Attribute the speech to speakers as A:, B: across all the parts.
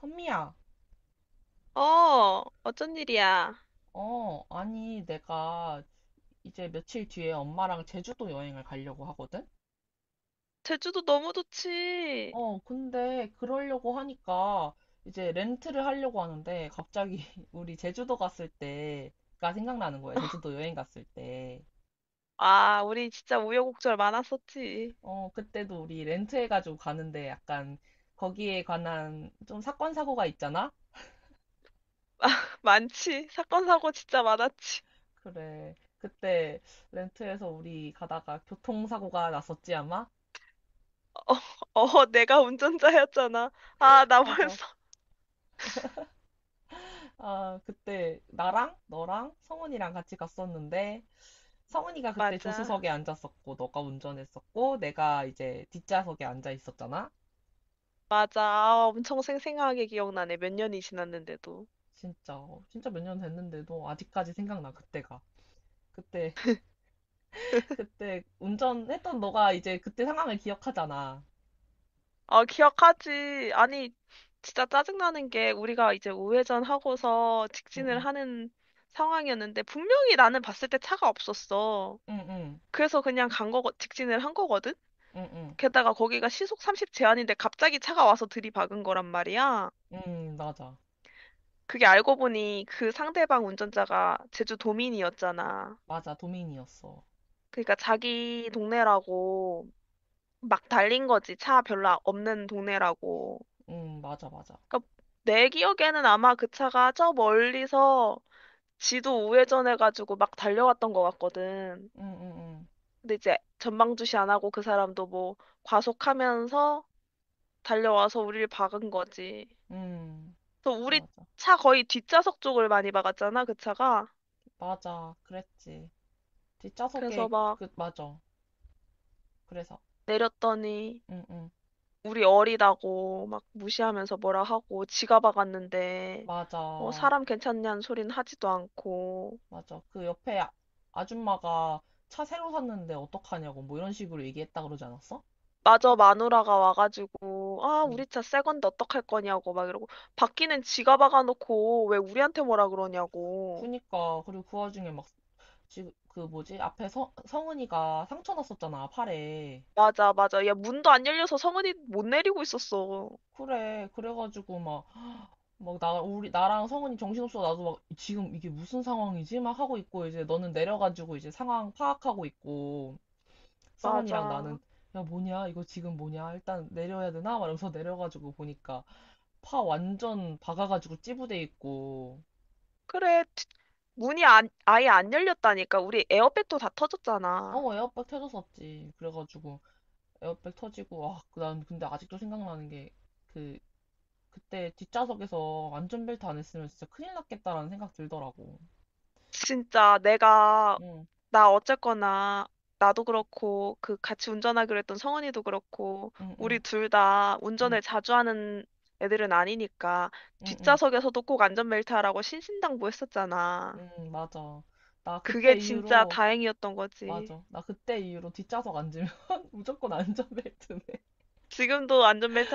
A: 선미야,
B: 어, 어쩐 일이야?
A: 아니, 내가 이제 며칠 뒤에 엄마랑 제주도 여행을 가려고 하거든?
B: 제주도 너무 좋지.
A: 근데 그러려고 하니까 이제 렌트를 하려고 하는데 갑자기 우리 제주도 갔을 때가 생각나는 거야. 제주도 여행 갔을 때.
B: 아, 우리 진짜 우여곡절 많았었지.
A: 그때도 우리 렌트해가지고 가는데 약간 거기에 관한 좀 사건, 사고가 있잖아?
B: 많지. 사건, 사고 진짜 많았지.
A: 그래. 그때 렌트해서 우리 가다가 교통사고가 났었지, 아마?
B: 어, 어, 내가 운전자였잖아. 아, 나
A: 맞아.
B: 벌써.
A: 아, 그때 나랑 너랑 성훈이랑 같이 갔었는데 성훈이가 그때
B: 맞아.
A: 조수석에 앉았었고 너가 운전했었고 내가 이제 뒷좌석에 앉아 있었잖아.
B: 맞아. 아, 엄청 생생하게 기억나네. 몇 년이 지났는데도.
A: 진짜 진짜 몇 년 됐는데도 아직까지 생각나 그때가. 그때 그때 운전했던 너가 이제 그때 상황을 기억하잖아.
B: 아, 기억하지. 아니, 진짜 짜증나는 게 우리가 이제 우회전 하고서 직진을
A: 응응
B: 하는 상황이었는데 분명히 나는 봤을 때 차가 없었어.
A: 응응 응응
B: 그래서 그냥 간 거, 직진을 한 거거든?
A: 응 응,
B: 게다가 거기가 시속 30 제한인데 갑자기 차가 와서 들이박은 거란 말이야.
A: 응. 응, 맞아
B: 그게 알고 보니 그 상대방 운전자가 제주 도민이었잖아.
A: 맞아 도민이었어.
B: 그러니까 자기 동네라고 막 달린 거지. 차 별로 없는 동네라고.
A: 응 맞아 맞아
B: 그러니까 내 기억에는 아마 그 차가 저 멀리서 지도 우회전해가지고 막 달려왔던 것 같거든.
A: 응응응 응
B: 근데 이제 전방주시 안 하고 그 사람도 뭐 과속하면서 달려와서 우리를 박은 거지.
A: 응, 응.
B: 그래서 우리
A: 맞아
B: 차 거의 뒷좌석 쪽을 많이 박았잖아, 그 차가.
A: 맞아 그랬지
B: 그래서
A: 뒷좌석에
B: 막
A: 그 맞아 그래서
B: 내렸더니
A: 응응
B: 우리 어리다고 막 무시하면서 뭐라 하고 지가 박았는데 어,
A: 맞아
B: 사람 괜찮냐는 소리는 하지도 않고
A: 맞아 그 옆에 아줌마가 차 새로 샀는데 어떡하냐고 뭐 이런 식으로 얘기했다 그러지 않았어?
B: 마저 마누라가 와가지고 아,
A: 응
B: 우리 차 새 건데 어떡할 거냐고 막 이러고 바퀴는 지가 박아놓고 왜 우리한테 뭐라 그러냐고.
A: 그니까 그리고 그 와중에 막 지금 그 뭐지 앞에 성은이가 상처 났었잖아 팔에
B: 맞아, 맞아. 야, 문도 안 열려서 성은이 못 내리고 있었어.
A: 그래 그래가지고 막 막 나 우리 나랑 성은이 정신없어 나도 막 지금 이게 무슨 상황이지 막 하고 있고 이제 너는 내려가지고 이제 상황 파악하고 있고 성원이랑 나는
B: 맞아.
A: 야 뭐냐 이거 지금 뭐냐 일단 내려야 되나? 막 이러면서 내려가지고 보니까 파 완전 박아가지고 찌부돼 있고
B: 그래, 문이 안, 아예 안 열렸다니까. 우리 에어백도 다 터졌잖아.
A: 어 에어백 터졌었지 그래가지고 에어백 터지고 아난 근데 아직도 생각나는 게 그 그때 뒷좌석에서 안전벨트 안 했으면 진짜 큰일 났겠다라는 생각 들더라고
B: 진짜 내가,
A: 응
B: 나 어쨌거나, 나도 그렇고, 그 같이 운전하기로 했던 성은이도 그렇고,
A: 응
B: 우리
A: 응
B: 둘 다
A: 응
B: 운전을 자주 하는 애들은 아니니까,
A: 응 응
B: 뒷좌석에서도 꼭 안전벨트 하라고 신신당부했었잖아.
A: 응 나
B: 그게
A: 그때
B: 진짜
A: 이후로
B: 다행이었던 거지.
A: 맞아 나 그때 이후로 뒷좌석 앉으면 무조건 안전벨트네
B: 지금도 안전벨트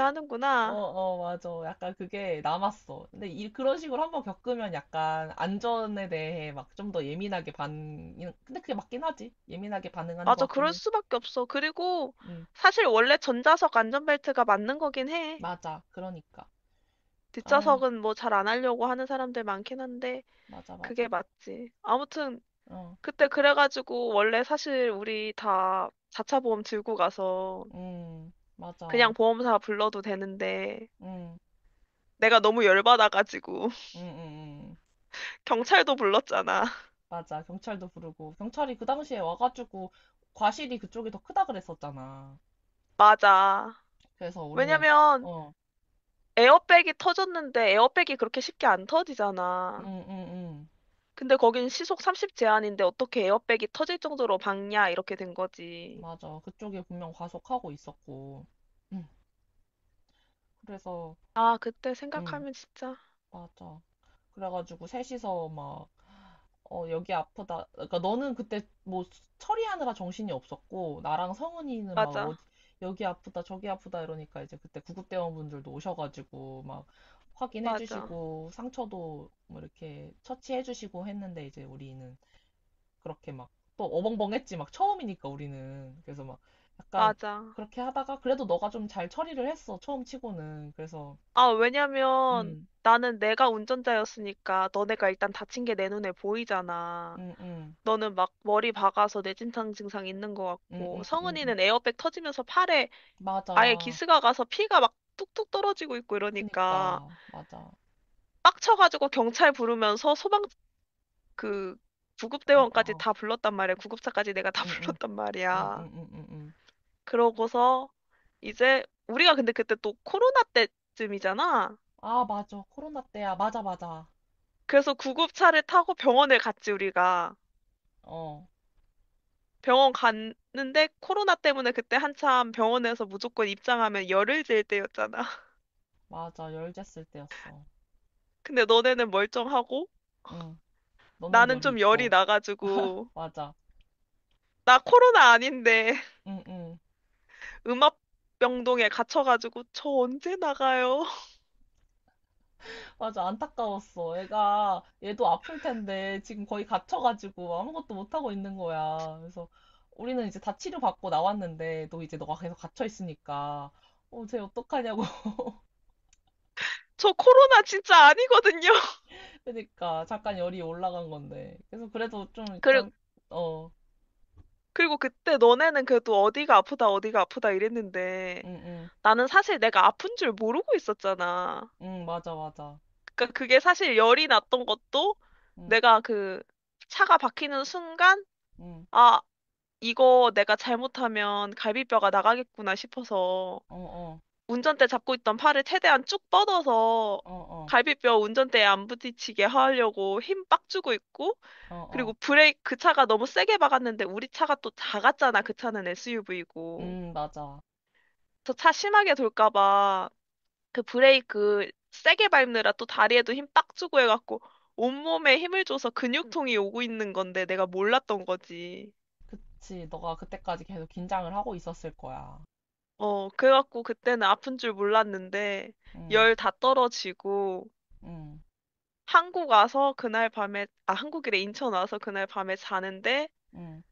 A: 어,
B: 하는구나.
A: 어, 맞아. 약간 그게 남았어. 근데 그런 식으로 한번 겪으면 약간 안전에 대해 막 좀 더 예민하게 반, 근데 그게 맞긴 하지. 예민하게 반응하는 것
B: 맞아,
A: 같긴
B: 그럴
A: 해.
B: 수밖에 없어. 그리고,
A: 음,
B: 사실 원래 전자석 안전벨트가 맞는 거긴 해.
A: 맞아. 그러니까. 아유,
B: 뒷좌석은 뭐 잘 안 하려고 하는 사람들 많긴 한데
A: 맞아,
B: 그게
A: 맞아.
B: 맞지. 아무튼
A: 어,
B: 그때 그래가지고 원래 사실 우리 다 자차 보험 들고 가서
A: 맞아.
B: 그냥 보험사 불러도 되는데
A: 음,
B: 내가 너무 열받아가지고
A: 음, 음, 음.
B: 경찰도 불렀잖아.
A: 맞아. 경찰도 부르고. 경찰이 그 당시에 와가지고 과실이 그쪽이 더 크다 그랬었잖아.
B: 맞아.
A: 그래서 우리는,
B: 왜냐면
A: 어,
B: 에어백이 터졌는데 에어백이 그렇게 쉽게 안
A: 음,
B: 터지잖아.
A: 음, 음.
B: 근데 거긴 시속 30 제한인데 어떻게 에어백이 터질 정도로 박냐 이렇게 된 거지.
A: 맞아. 그쪽에 분명 과속하고 있었고. 음. 그래서
B: 아, 그때
A: 응
B: 생각하면 진짜
A: 맞아 그래가지고 셋이서 막 어, 여기 아프다 그러니까 너는 그때 뭐 처리하느라 정신이 없었고 나랑 성은이는 막 어디
B: 맞아.
A: 여기 아프다 저기 아프다 이러니까 이제 그때 구급대원분들도 오셔가지고 막
B: 맞아.
A: 확인해주시고 상처도 뭐 이렇게 처치해주시고 했는데 이제 우리는 그렇게 막 또 어벙벙했지 막 처음이니까 우리는 그래서 막 약간
B: 맞아.
A: 그렇게 하다가 그래도 너가 좀 잘 처리를 했어 처음 치고는 그래서
B: 아, 왜냐면
A: 음,
B: 나는 내가 운전자였으니까 너네가 일단 다친 게 내 눈에 보이잖아.
A: 음, 음.
B: 너는 막 머리 박아서 뇌진탕 증상 있는 것
A: 응,
B: 같고,
A: 응, 응, 응.
B: 성은이는 에어백 터지면서 팔에 아예
A: 맞아.
B: 기스가 가서 피가 막 뚝뚝 떨어지고 있고 이러니까
A: 그니까, 맞아. 어,
B: 빡쳐가지고 경찰 부르면서 소방 그 구급대원까지
A: 어,
B: 다 불렀단 말이야. 구급차까지 내가 다
A: 응, 응,
B: 불렀단
A: 응,
B: 말이야.
A: 응, 응, 응. 응.
B: 그러고서 이제 우리가 근데 그때 또 코로나 때쯤이잖아.
A: 아, 맞아. 코로나 때야. 맞아, 맞아.
B: 그래서 구급차를 타고 병원을 갔지, 우리가.
A: 어,
B: 병원 갔는데 코로나 때문에 그때 한참 병원에서 무조건 입장하면 열을 질 때였잖아.
A: 맞아. 열됐을 때였어.
B: 근데 너네는 멀쩡하고
A: 응. 너는
B: 나는
A: 열이
B: 좀 열이
A: 있고.
B: 나가지고
A: 맞아.
B: 나 코로나 아닌데
A: 응, 응.
B: 음압병동에 갇혀가지고 저 언제 나가요?
A: 맞아. 안타까웠어. 애가, 얘도 아플 텐데, 지금 거의 갇혀가지고 아무것도 못하고 있는 거야. 그래서 우리는 이제 다 치료받고 나왔는데, 너 이제 너가 계속 갇혀있으니까, 어, 쟤 어떡하냐고
B: 저 코로나 진짜 아니거든요.
A: 그니까 잠깐 열이 올라간 건데. 그래서 그래도 좀
B: 그리고
A: 일단 어,
B: 그리고 그때 너네는 그래도 어디가 아프다 어디가 아프다 이랬는데
A: 응, 응,
B: 나는 사실 내가 아픈 줄 모르고 있었잖아.
A: 응, 맞아, 맞아,
B: 그러니까 그게 사실 열이 났던 것도
A: 응,
B: 내가 그 차가 박히는 순간,
A: 응,
B: 아, 이거 내가 잘못하면 갈비뼈가 나가겠구나 싶어서
A: 어, 어,
B: 운전대 잡고 있던 팔을 최대한 쭉 뻗어서
A: 어, 어,
B: 갈비뼈 운전대에 안 부딪히게 하려고 힘 빡 주고 있고,
A: 어,
B: 그리고
A: 어,
B: 브레이크, 그 차가 너무 세게 박았는데 우리 차가 또 작았잖아. 그 차는 SUV고.
A: 응, 맞아.
B: 저 차 심하게 돌까 봐. 그 브레이크 세게 밟느라 또 다리에도 힘 빡 주고 해갖고 온몸에 힘을 줘서 근육통이 오고 있는 건데 내가 몰랐던 거지.
A: 그치, 너가 그때까지 계속 긴장을 하고 있었을 거야.
B: 어, 그래갖고 그때는 아픈 줄 몰랐는데
A: 응,
B: 열 다 떨어지고
A: 응,
B: 한국 와서 그날 밤에, 아, 한국이래 인천 와서 그날 밤에 자는데
A: 응.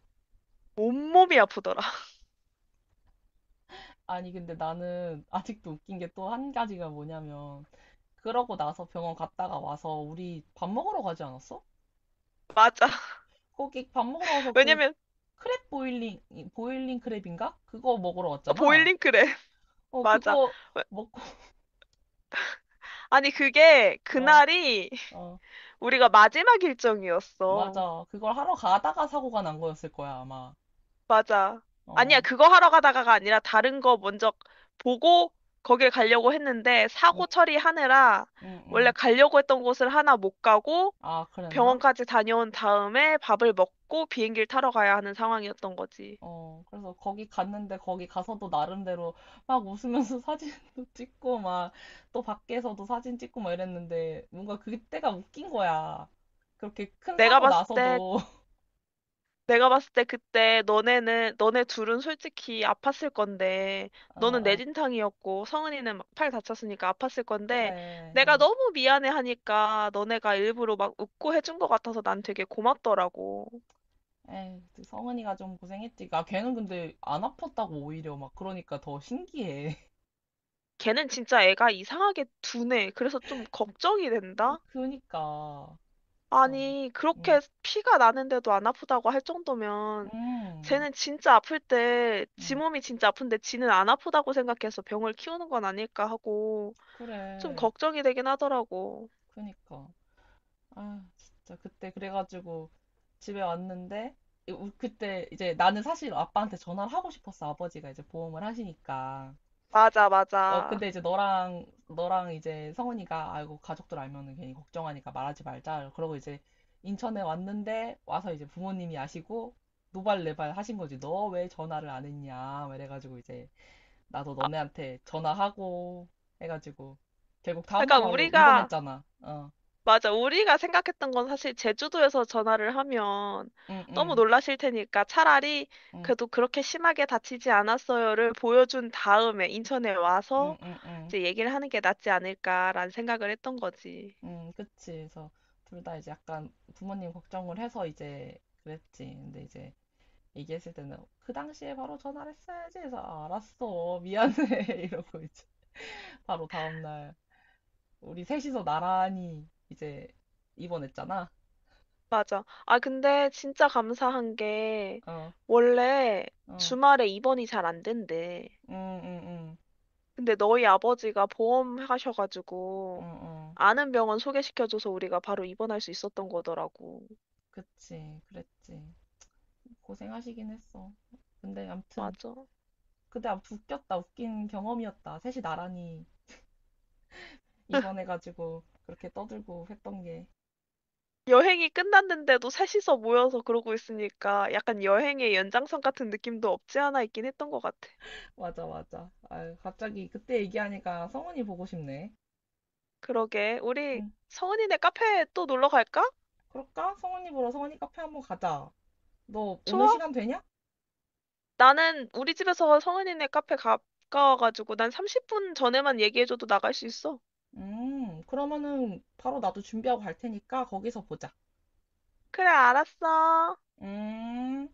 B: 온몸이 아프더라.
A: 아니 근데 나는 아직도 웃긴 게 또 한 가지가 뭐냐면 그러고 나서 병원 갔다가 와서 우리 밥 먹으러 가지 않았어?
B: 맞아.
A: 거기 밥 먹으러 와서
B: 왜냐면
A: 크랩 보일링 보일링 크랩인가? 그거 먹으러 왔잖아.
B: 보일링크래.
A: 어,
B: 맞아.
A: 그거 먹고,
B: 아니, 그게
A: 어,
B: 그날이
A: 어,
B: 우리가 마지막 일정이었어.
A: 맞아. 그걸 하러 가다가 사고가 난 거였을 거야, 아마.
B: 맞아. 아니야,
A: 어,
B: 그거 하러 가다가가 아니라 다른 거 먼저 보고 거길 가려고 했는데
A: 응,
B: 사고 처리하느라
A: 응,
B: 원래
A: 응.
B: 가려고 했던 곳을 하나 못 가고
A: 아, 그랬나?
B: 병원까지 다녀온 다음에 밥을 먹고 비행기를 타러 가야 하는 상황이었던 거지.
A: 어, 그래서 거기 갔는데 거기 가서도 나름대로 막 웃으면서 사진도 찍고 막 또 밖에서도 사진 찍고 막 이랬는데 뭔가 그때가 웃긴 거야. 그렇게 큰
B: 내가
A: 사고
B: 봤을 때
A: 나서도.
B: 내가 봤을 때 그때 너네는, 너네 둘은 솔직히 아팠을 건데,
A: 어,
B: 너는
A: 어,
B: 내진탕이었고, 성은이는 막 팔 다쳤으니까 아팠을 건데,
A: 그래.
B: 내가
A: 어.
B: 너무 미안해 하니까 너네가 일부러 막 웃고 해준 것 같아서 난 되게 고맙더라고.
A: 에이, 성은이가 좀 고생했지. 아, 걔는 근데 안 아팠다고 오히려 막 그러니까 더 신기해.
B: 걔는 진짜 애가 이상하게 둔해. 그래서 좀 걱정이 된다?
A: 그니까 참.
B: 아니,
A: 음.
B: 그렇게 피가 나는데도 안 아프다고 할 정도면,
A: 음.
B: 쟤는 진짜 아플 때, 지
A: 음.
B: 몸이 진짜 아픈데 지는 안 아프다고 생각해서 병을 키우는 건 아닐까 하고, 좀
A: 그래.
B: 걱정이 되긴 하더라고.
A: 그니까. 아, 진짜 그때 그래가지고 집에 왔는데 그때 이제 나는 사실 아빠한테 전화를 하고 싶었어. 아버지가 이제 보험을 하시니까.
B: 맞아,
A: 어, 근데
B: 맞아.
A: 이제 너랑 이제 성훈이가 아이고 가족들 알면은 괜히 걱정하니까 말하지 말자. 그러고 이제 인천에 왔는데 와서 이제 부모님이 아시고 노발레발 하신 거지. 너 왜 전화를 안 했냐? 막 이래가지고 이제 나도 너네한테 전화하고 해가지고 결국 다음날
B: 그러니까
A: 바로
B: 우리가,
A: 입원했잖아. 어,
B: 맞아, 우리가 생각했던 건 사실 제주도에서 전화를 하면
A: 응,
B: 너무
A: 응,
B: 놀라실 테니까 차라리
A: 응,
B: 그래도 그렇게 심하게 다치지 않았어요를 보여준 다음에 인천에 와서
A: 응, 응, 응,
B: 이제 얘기를 하는 게 낫지 않을까라는 생각을 했던 거지.
A: 응, 그치. 그래서 둘다 이제 약간 부모님 걱정을 해서 이제 그랬지. 근데 이제 얘기했을 때는 그 당시에 바로 전화를 했어야지 해서 아, 알았어, 미안해 이러고 이제 바로 다음날 우리 셋이서 나란히 이제 입원했잖아.
B: 맞아. 아, 근데 진짜 감사한 게
A: 어,
B: 원래
A: 어,
B: 주말에 입원이 잘 안 된대.
A: 응, 응, 응,
B: 근데 너희 아버지가 보험
A: 응,
B: 하셔가지고
A: 응,
B: 아는 병원 소개시켜줘서 우리가 바로 입원할 수 있었던 거더라고.
A: 그치, 그랬지. 고생하시긴 했어. 근데 암튼
B: 맞아.
A: 그때 암튼 웃겼다. 웃긴 경험이었다. 셋이 나란히 입원해가지고 그렇게 떠들고 했던 게
B: 여행이 끝났는데도 셋이서 모여서 그러고 있으니까 약간 여행의 연장선 같은 느낌도 없지 않아 있긴 했던 것 같아.
A: 맞아 맞아. 아유, 갑자기 그때 얘기하니까 성훈이 보고 싶네.
B: 그러게. 우리
A: 응.
B: 성은이네 카페 또 놀러 갈까?
A: 그럴까? 성훈이 보러 성훈이 카페 한번 가자. 너 오늘
B: 좋아.
A: 시간 되냐?
B: 나는 우리 집에서 성은이네 카페 가까워가지고 난 30분 전에만 얘기해줘도 나갈 수 있어.
A: 그러면은 바로 나도 준비하고 갈 테니까 거기서 보자.
B: 그래, 알았어.
A: 음.